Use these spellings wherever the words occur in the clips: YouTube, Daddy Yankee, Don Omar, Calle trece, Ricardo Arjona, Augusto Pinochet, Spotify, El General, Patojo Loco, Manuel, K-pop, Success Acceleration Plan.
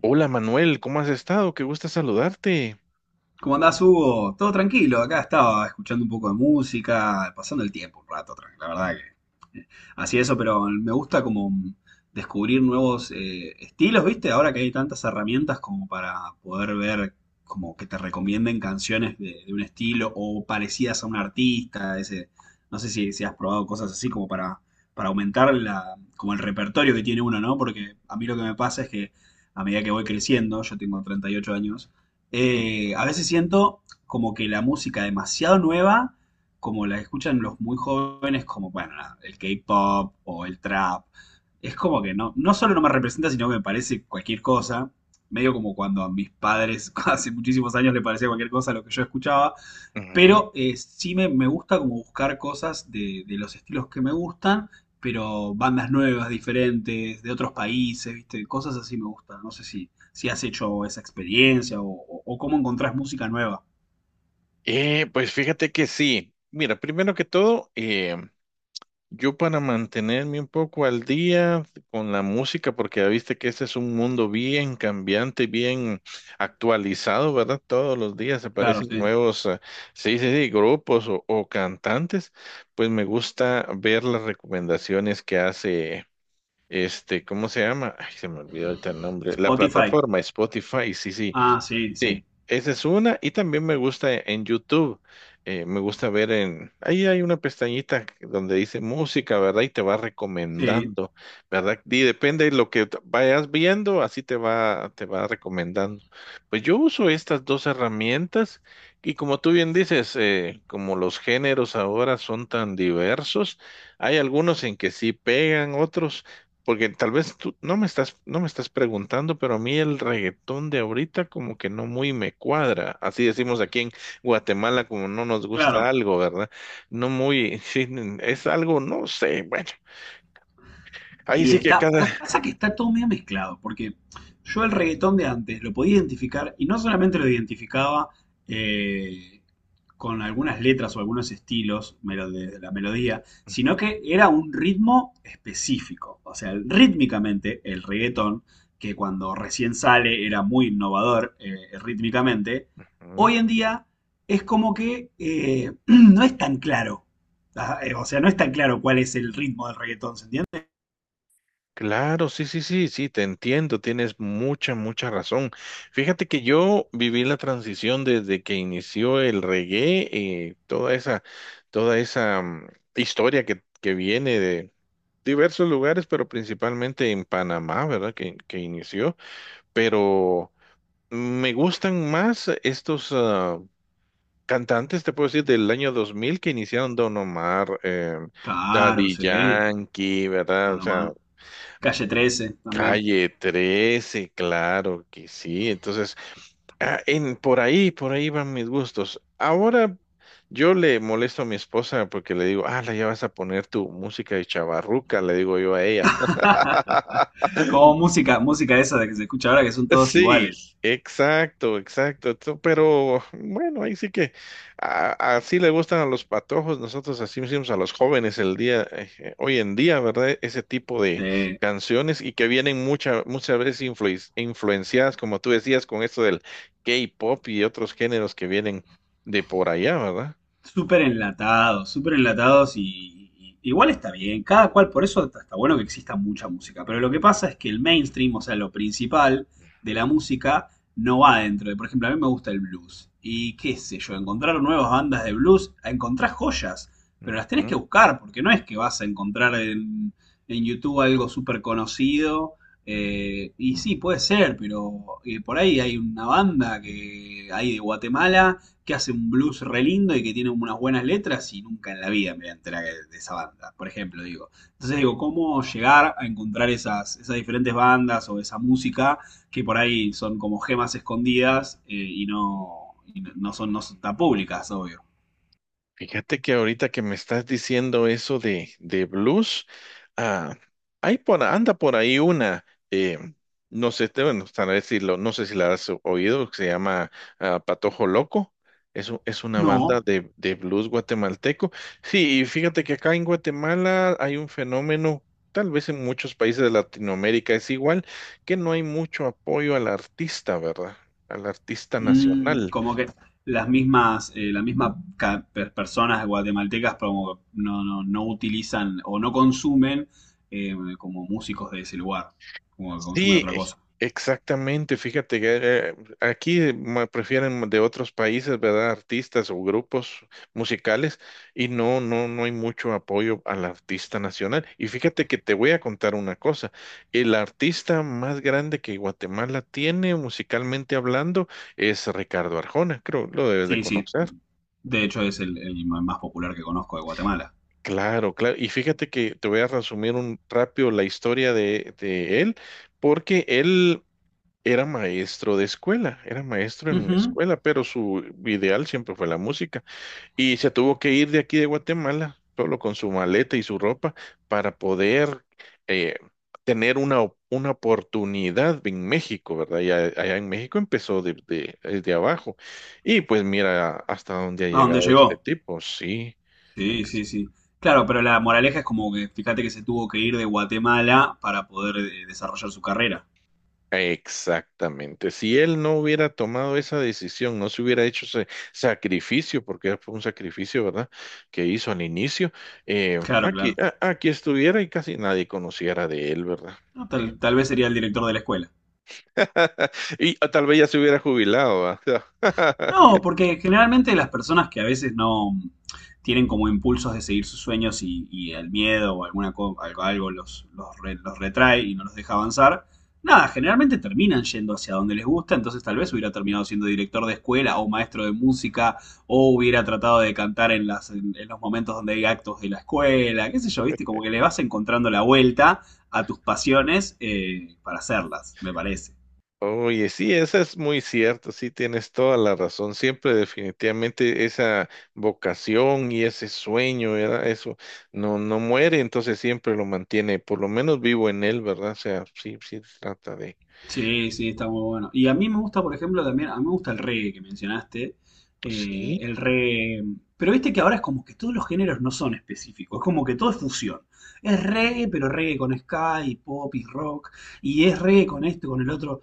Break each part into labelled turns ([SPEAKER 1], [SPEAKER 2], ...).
[SPEAKER 1] Hola Manuel, ¿cómo has estado? Qué gusto saludarte.
[SPEAKER 2] ¿Cómo andás, Hugo? Todo tranquilo, acá estaba escuchando un poco de música, pasando el tiempo un rato, la verdad que así eso, pero me gusta como descubrir nuevos estilos, ¿viste? Ahora que hay tantas herramientas como para poder ver, como que te recomienden canciones de un estilo o parecidas a un artista, ese, no sé si has probado cosas así como para aumentar como el repertorio que tiene uno, ¿no? Porque a mí lo que me pasa es que a medida que voy creciendo, yo tengo 38 años,
[SPEAKER 1] Ujú,
[SPEAKER 2] a veces siento como que la música demasiado nueva, como la escuchan los muy jóvenes, como, bueno, nada, el K-pop o el trap, es como que no, no solo no me representa, sino que me parece cualquier cosa. Medio como cuando a mis padres hace muchísimos años le parecía cualquier cosa lo que yo escuchaba.
[SPEAKER 1] ujú.
[SPEAKER 2] Pero sí me gusta como buscar cosas de los estilos que me gustan, pero bandas nuevas, diferentes, de otros países, ¿viste? Cosas así me gustan. No sé si has hecho esa experiencia o, o cómo encontrás música nueva.
[SPEAKER 1] Pues fíjate que sí. Mira, primero que todo, yo para mantenerme un poco al día con la música, porque ya viste que este es un mundo bien cambiante, bien actualizado, ¿verdad? Todos los días
[SPEAKER 2] Claro,
[SPEAKER 1] aparecen
[SPEAKER 2] sí.
[SPEAKER 1] nuevos, sí, sí, sí, grupos o cantantes. Pues me gusta ver las recomendaciones que hace. Este, ¿cómo se llama? Ay, se me olvidó ahorita el nombre. La
[SPEAKER 2] Spotify.
[SPEAKER 1] plataforma Spotify, sí, sí,
[SPEAKER 2] Ah, sí,
[SPEAKER 1] sí.
[SPEAKER 2] sí.
[SPEAKER 1] Esa es una. Y también me gusta en YouTube. Me gusta ver en... Ahí hay una pestañita donde dice música, ¿verdad? Y te va
[SPEAKER 2] Sí,
[SPEAKER 1] recomendando, ¿verdad? Y depende de lo que vayas viendo, así te va recomendando. Pues yo uso estas dos herramientas y como tú bien dices, como los géneros ahora son tan diversos, hay algunos en que sí pegan, otros porque tal vez tú no me estás preguntando, pero a mí el reggaetón de ahorita como que no muy me cuadra. Así decimos aquí en Guatemala, como no nos gusta
[SPEAKER 2] claro.
[SPEAKER 1] algo, ¿verdad? No muy, sí, es algo, no sé, bueno, ahí
[SPEAKER 2] Y
[SPEAKER 1] sí que
[SPEAKER 2] está,
[SPEAKER 1] cada...
[SPEAKER 2] pasa que está todo medio mezclado, porque yo el reggaetón de antes lo podía identificar y no solamente lo identificaba eh, con algunas letras o algunos estilos de la melodía, sino que era un ritmo específico. O sea, rítmicamente el reggaetón, que cuando recién sale era muy innovador rítmicamente, hoy en día es como que no es tan claro. O sea, no es tan claro cuál es el ritmo del reggaetón, ¿se entiende?
[SPEAKER 1] Claro, sí, sí, sí, sí, te entiendo, tienes mucha, mucha razón. Fíjate que yo viví la transición desde que inició el reggae, toda esa, toda esa historia que viene de diversos lugares, pero principalmente en Panamá, ¿verdad? Que inició, pero me gustan más estos cantantes, te puedo decir, del año 2000 que iniciaron Don Omar,
[SPEAKER 2] Claro,
[SPEAKER 1] Daddy
[SPEAKER 2] sí.
[SPEAKER 1] Yankee,
[SPEAKER 2] Toda
[SPEAKER 1] ¿verdad? O
[SPEAKER 2] la
[SPEAKER 1] sea,
[SPEAKER 2] mano. Calle 13 también.
[SPEAKER 1] Calle trece, claro que sí. Entonces, por ahí van mis gustos. Ahora yo le molesto a mi esposa porque le digo, ah, la ya vas a poner tu música de chavarruca, le digo yo a ella.
[SPEAKER 2] Como música, música esa de que se escucha ahora que son todos
[SPEAKER 1] Sí,
[SPEAKER 2] iguales.
[SPEAKER 1] exacto, exacto. Pero bueno, ahí sí que así le gustan a los patojos. Nosotros así hicimos a los jóvenes el día, hoy en día, ¿verdad? Ese tipo de
[SPEAKER 2] Sí.
[SPEAKER 1] canciones y que vienen muchas veces influenciadas, como tú decías, con esto del K-pop y otros géneros que vienen de por allá, ¿verdad?
[SPEAKER 2] Súper enlatados igual está bien, cada cual, por eso está bueno que exista mucha música, pero lo que pasa es que el mainstream, o sea, lo principal de la música no va dentro de, por ejemplo, a mí me gusta el blues y qué sé yo, encontrar nuevas bandas de blues, encontrar joyas, pero las tenés
[SPEAKER 1] Ujú.
[SPEAKER 2] que buscar porque no es que vas a encontrar en YouTube algo súper conocido. Y sí, puede ser, pero por ahí hay una banda que hay de Guatemala que hace un blues re lindo y que tiene unas buenas letras y nunca en la vida me voy a enterar de esa banda, por ejemplo, digo. Entonces digo, ¿cómo llegar a encontrar esas diferentes bandas o esa música que por ahí son como gemas escondidas no, no son, no son tan públicas, ¿obvio?
[SPEAKER 1] Fíjate que ahorita que me estás diciendo eso de blues, ah, hay anda por ahí una, eh, no sé, bueno, tal vez no sé si la has oído, que se llama Patojo Loco. Es, es una banda
[SPEAKER 2] No.
[SPEAKER 1] de blues guatemalteco. Sí, y fíjate que acá en Guatemala hay un fenómeno, tal vez en muchos países de Latinoamérica es igual, que no hay mucho apoyo al artista, ¿verdad? Al artista nacional.
[SPEAKER 2] Como que las mismas personas guatemaltecas como que no, no, no utilizan o no consumen como músicos de ese lugar, como que consumen
[SPEAKER 1] Sí,
[SPEAKER 2] otra cosa.
[SPEAKER 1] exactamente. Fíjate que eh, aquí me prefieren de otros países, ¿verdad? Artistas o grupos musicales y no hay mucho apoyo al artista nacional. Y fíjate que te voy a contar una cosa. El artista más grande que Guatemala tiene musicalmente hablando es Ricardo Arjona, creo, lo debes de
[SPEAKER 2] Sí, sí.
[SPEAKER 1] conocer.
[SPEAKER 2] De hecho, es el más popular que conozco de Guatemala.
[SPEAKER 1] Claro, claro. Y fíjate que te voy a resumir un rápido la historia de él, porque él era maestro de escuela, era maestro en una
[SPEAKER 2] Ujú.
[SPEAKER 1] escuela, pero su ideal siempre fue la música. Y se tuvo que ir de aquí de Guatemala, solo con su maleta y su ropa, para poder eh, tener una, una oportunidad en México, ¿verdad? Y allá en México empezó desde abajo. Y pues mira hasta dónde ha
[SPEAKER 2] ¿A dónde
[SPEAKER 1] llegado este
[SPEAKER 2] llegó?
[SPEAKER 1] tipo, sí.
[SPEAKER 2] Sí, sí, sí. Claro, pero la moraleja es como que fíjate que se tuvo que ir de Guatemala para poder desarrollar su carrera.
[SPEAKER 1] Exactamente. Si él no hubiera tomado esa decisión, no se hubiera hecho ese sacrificio, porque fue un sacrificio, ¿verdad? Que hizo al inicio,
[SPEAKER 2] Claro,
[SPEAKER 1] aquí,
[SPEAKER 2] claro.
[SPEAKER 1] aquí estuviera y casi nadie conociera de él, ¿verdad?
[SPEAKER 2] No.
[SPEAKER 1] Sí.
[SPEAKER 2] Tal vez sería el director de la escuela.
[SPEAKER 1] Y tal vez ya se hubiera jubilado, ¿verdad?
[SPEAKER 2] No, porque generalmente las personas que a veces no tienen como impulsos de seguir sus sueños y el miedo o algo, los retrae y no los deja avanzar, nada, generalmente terminan yendo hacia donde les gusta, entonces tal vez hubiera terminado siendo director de escuela o maestro de música o hubiera tratado de cantar en los momentos donde hay actos de la escuela, qué sé yo, viste, como que le vas encontrando la vuelta a tus pasiones para hacerlas, me parece.
[SPEAKER 1] Oye, sí, eso es muy cierto, sí, tienes toda la razón. Siempre definitivamente esa vocación y ese sueño, ¿verdad? Eso no, no muere, entonces siempre lo mantiene, por lo menos vivo en él, ¿verdad? O sea, sí, sí, se trata de...
[SPEAKER 2] Sí, sí, está muy bueno. Y a mí me gusta, por ejemplo, también, a mí me gusta el reggae que mencionaste.
[SPEAKER 1] Sí.
[SPEAKER 2] El reggae. Pero viste que ahora es como que todos los géneros no son específicos, es como que todo es fusión. Es reggae, pero reggae con ska y pop y rock, y es reggae con esto, con el otro.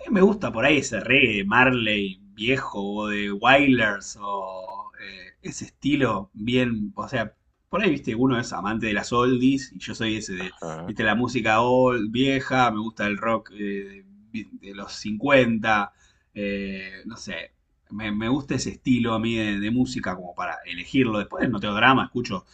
[SPEAKER 2] Me gusta por ahí ese reggae de Marley viejo o de Wailers o ese estilo bien, o sea, por ahí, viste, uno es amante de las oldies y yo soy ese de,
[SPEAKER 1] Ajá.
[SPEAKER 2] viste, la música old, vieja, me gusta el rock de los 50 no sé, me gusta ese estilo a mí de música como para elegirlo. Después no tengo drama, escucho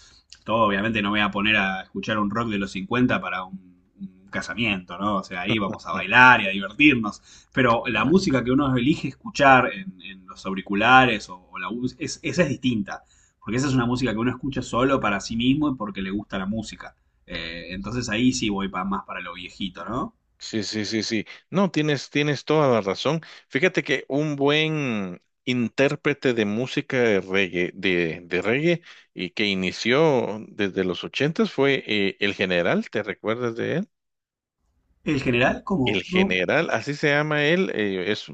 [SPEAKER 2] todo, obviamente, no me voy a poner a escuchar un rock de los 50 para un casamiento, ¿no? O sea, ahí vamos a bailar y a divertirnos. Pero la música que uno elige escuchar en los auriculares o, es, esa es distinta. Porque esa es una música que uno escucha solo para sí mismo y porque le gusta la música. Entonces ahí sí voy más para lo viejito, ¿no?
[SPEAKER 1] Sí, sí, sí, sí. No, tienes, tienes toda la razón. Fíjate que un buen intérprete de música de reggae y que inició desde los ochentas fue El General, ¿te recuerdas de él?
[SPEAKER 2] El general,
[SPEAKER 1] El
[SPEAKER 2] ¿cómo? No.
[SPEAKER 1] General, así se llama él,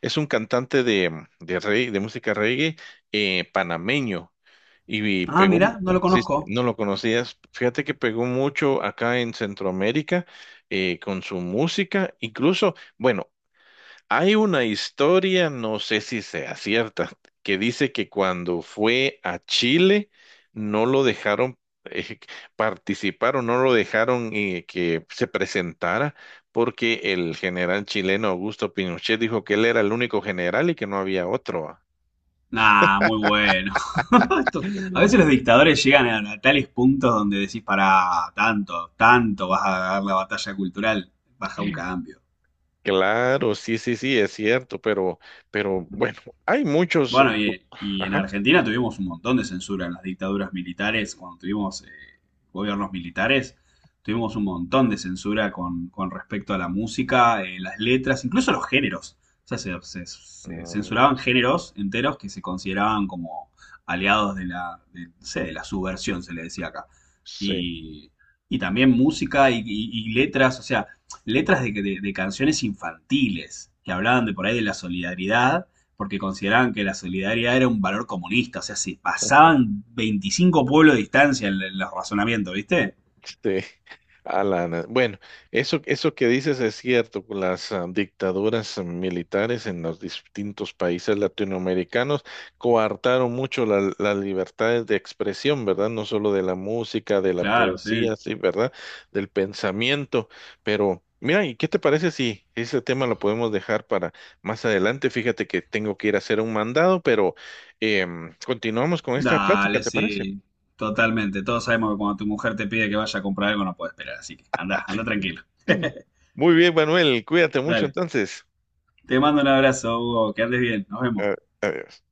[SPEAKER 1] es un cantante de, de música reggae panameño y
[SPEAKER 2] Ah,
[SPEAKER 1] pegó,
[SPEAKER 2] mira, no lo
[SPEAKER 1] sí, sí,
[SPEAKER 2] conozco.
[SPEAKER 1] no lo conocías, fíjate que pegó mucho acá en Centroamérica con su música, incluso... Bueno, hay una historia, no sé si sea cierta, que dice que cuando fue a Chile no lo dejaron eh, participar o no lo dejaron que se presentara porque el general chileno Augusto Pinochet dijo que él era el único general y que no había otro. Ah.
[SPEAKER 2] Nah, muy bueno. Esto... A veces los dictadores llegan a tales puntos donde decís, para tanto, tanto vas a dar la batalla cultural, baja un cambio.
[SPEAKER 1] Claro, sí, sí, sí, es cierto, pero bueno, hay muchos.
[SPEAKER 2] Bueno, y en
[SPEAKER 1] Ajá.
[SPEAKER 2] Argentina tuvimos un montón de censura en las dictaduras militares, cuando tuvimos gobiernos militares, tuvimos un montón de censura con respecto a la música, las letras, incluso los géneros. O sea, se
[SPEAKER 1] Mm.
[SPEAKER 2] censuraban géneros enteros que se consideraban como aliados de la, de, no sé, de la subversión, se le decía acá.
[SPEAKER 1] Sí.
[SPEAKER 2] Y, y también música y letras, o sea, letras de canciones infantiles que hablaban de por ahí de la solidaridad porque consideraban que la solidaridad era un valor comunista, o sea, se pasaban 25 pueblos de distancia en los razonamientos, ¿viste?
[SPEAKER 1] Sí, Alana. Bueno, eso que dices es cierto, con las dictaduras militares en los distintos países latinoamericanos coartaron mucho las libertades de expresión, ¿verdad? No solo de la música, de la
[SPEAKER 2] Claro, sí.
[SPEAKER 1] poesía, sí, ¿verdad? Del pensamiento. Pero, mira, ¿y qué te parece si ese tema lo podemos dejar para más adelante? Fíjate que tengo que ir a hacer un mandado, pero continuamos con esta plática,
[SPEAKER 2] Dale,
[SPEAKER 1] ¿te parece?
[SPEAKER 2] sí. Totalmente. Todos sabemos que cuando tu mujer te pide que vaya a comprar algo no puede esperar, así que anda, anda tranquilo.
[SPEAKER 1] Muy bien, Manuel, cuídate mucho
[SPEAKER 2] Dale.
[SPEAKER 1] entonces.
[SPEAKER 2] Te mando un abrazo, Hugo, que andes bien. Nos vemos.
[SPEAKER 1] Eh, Adiós.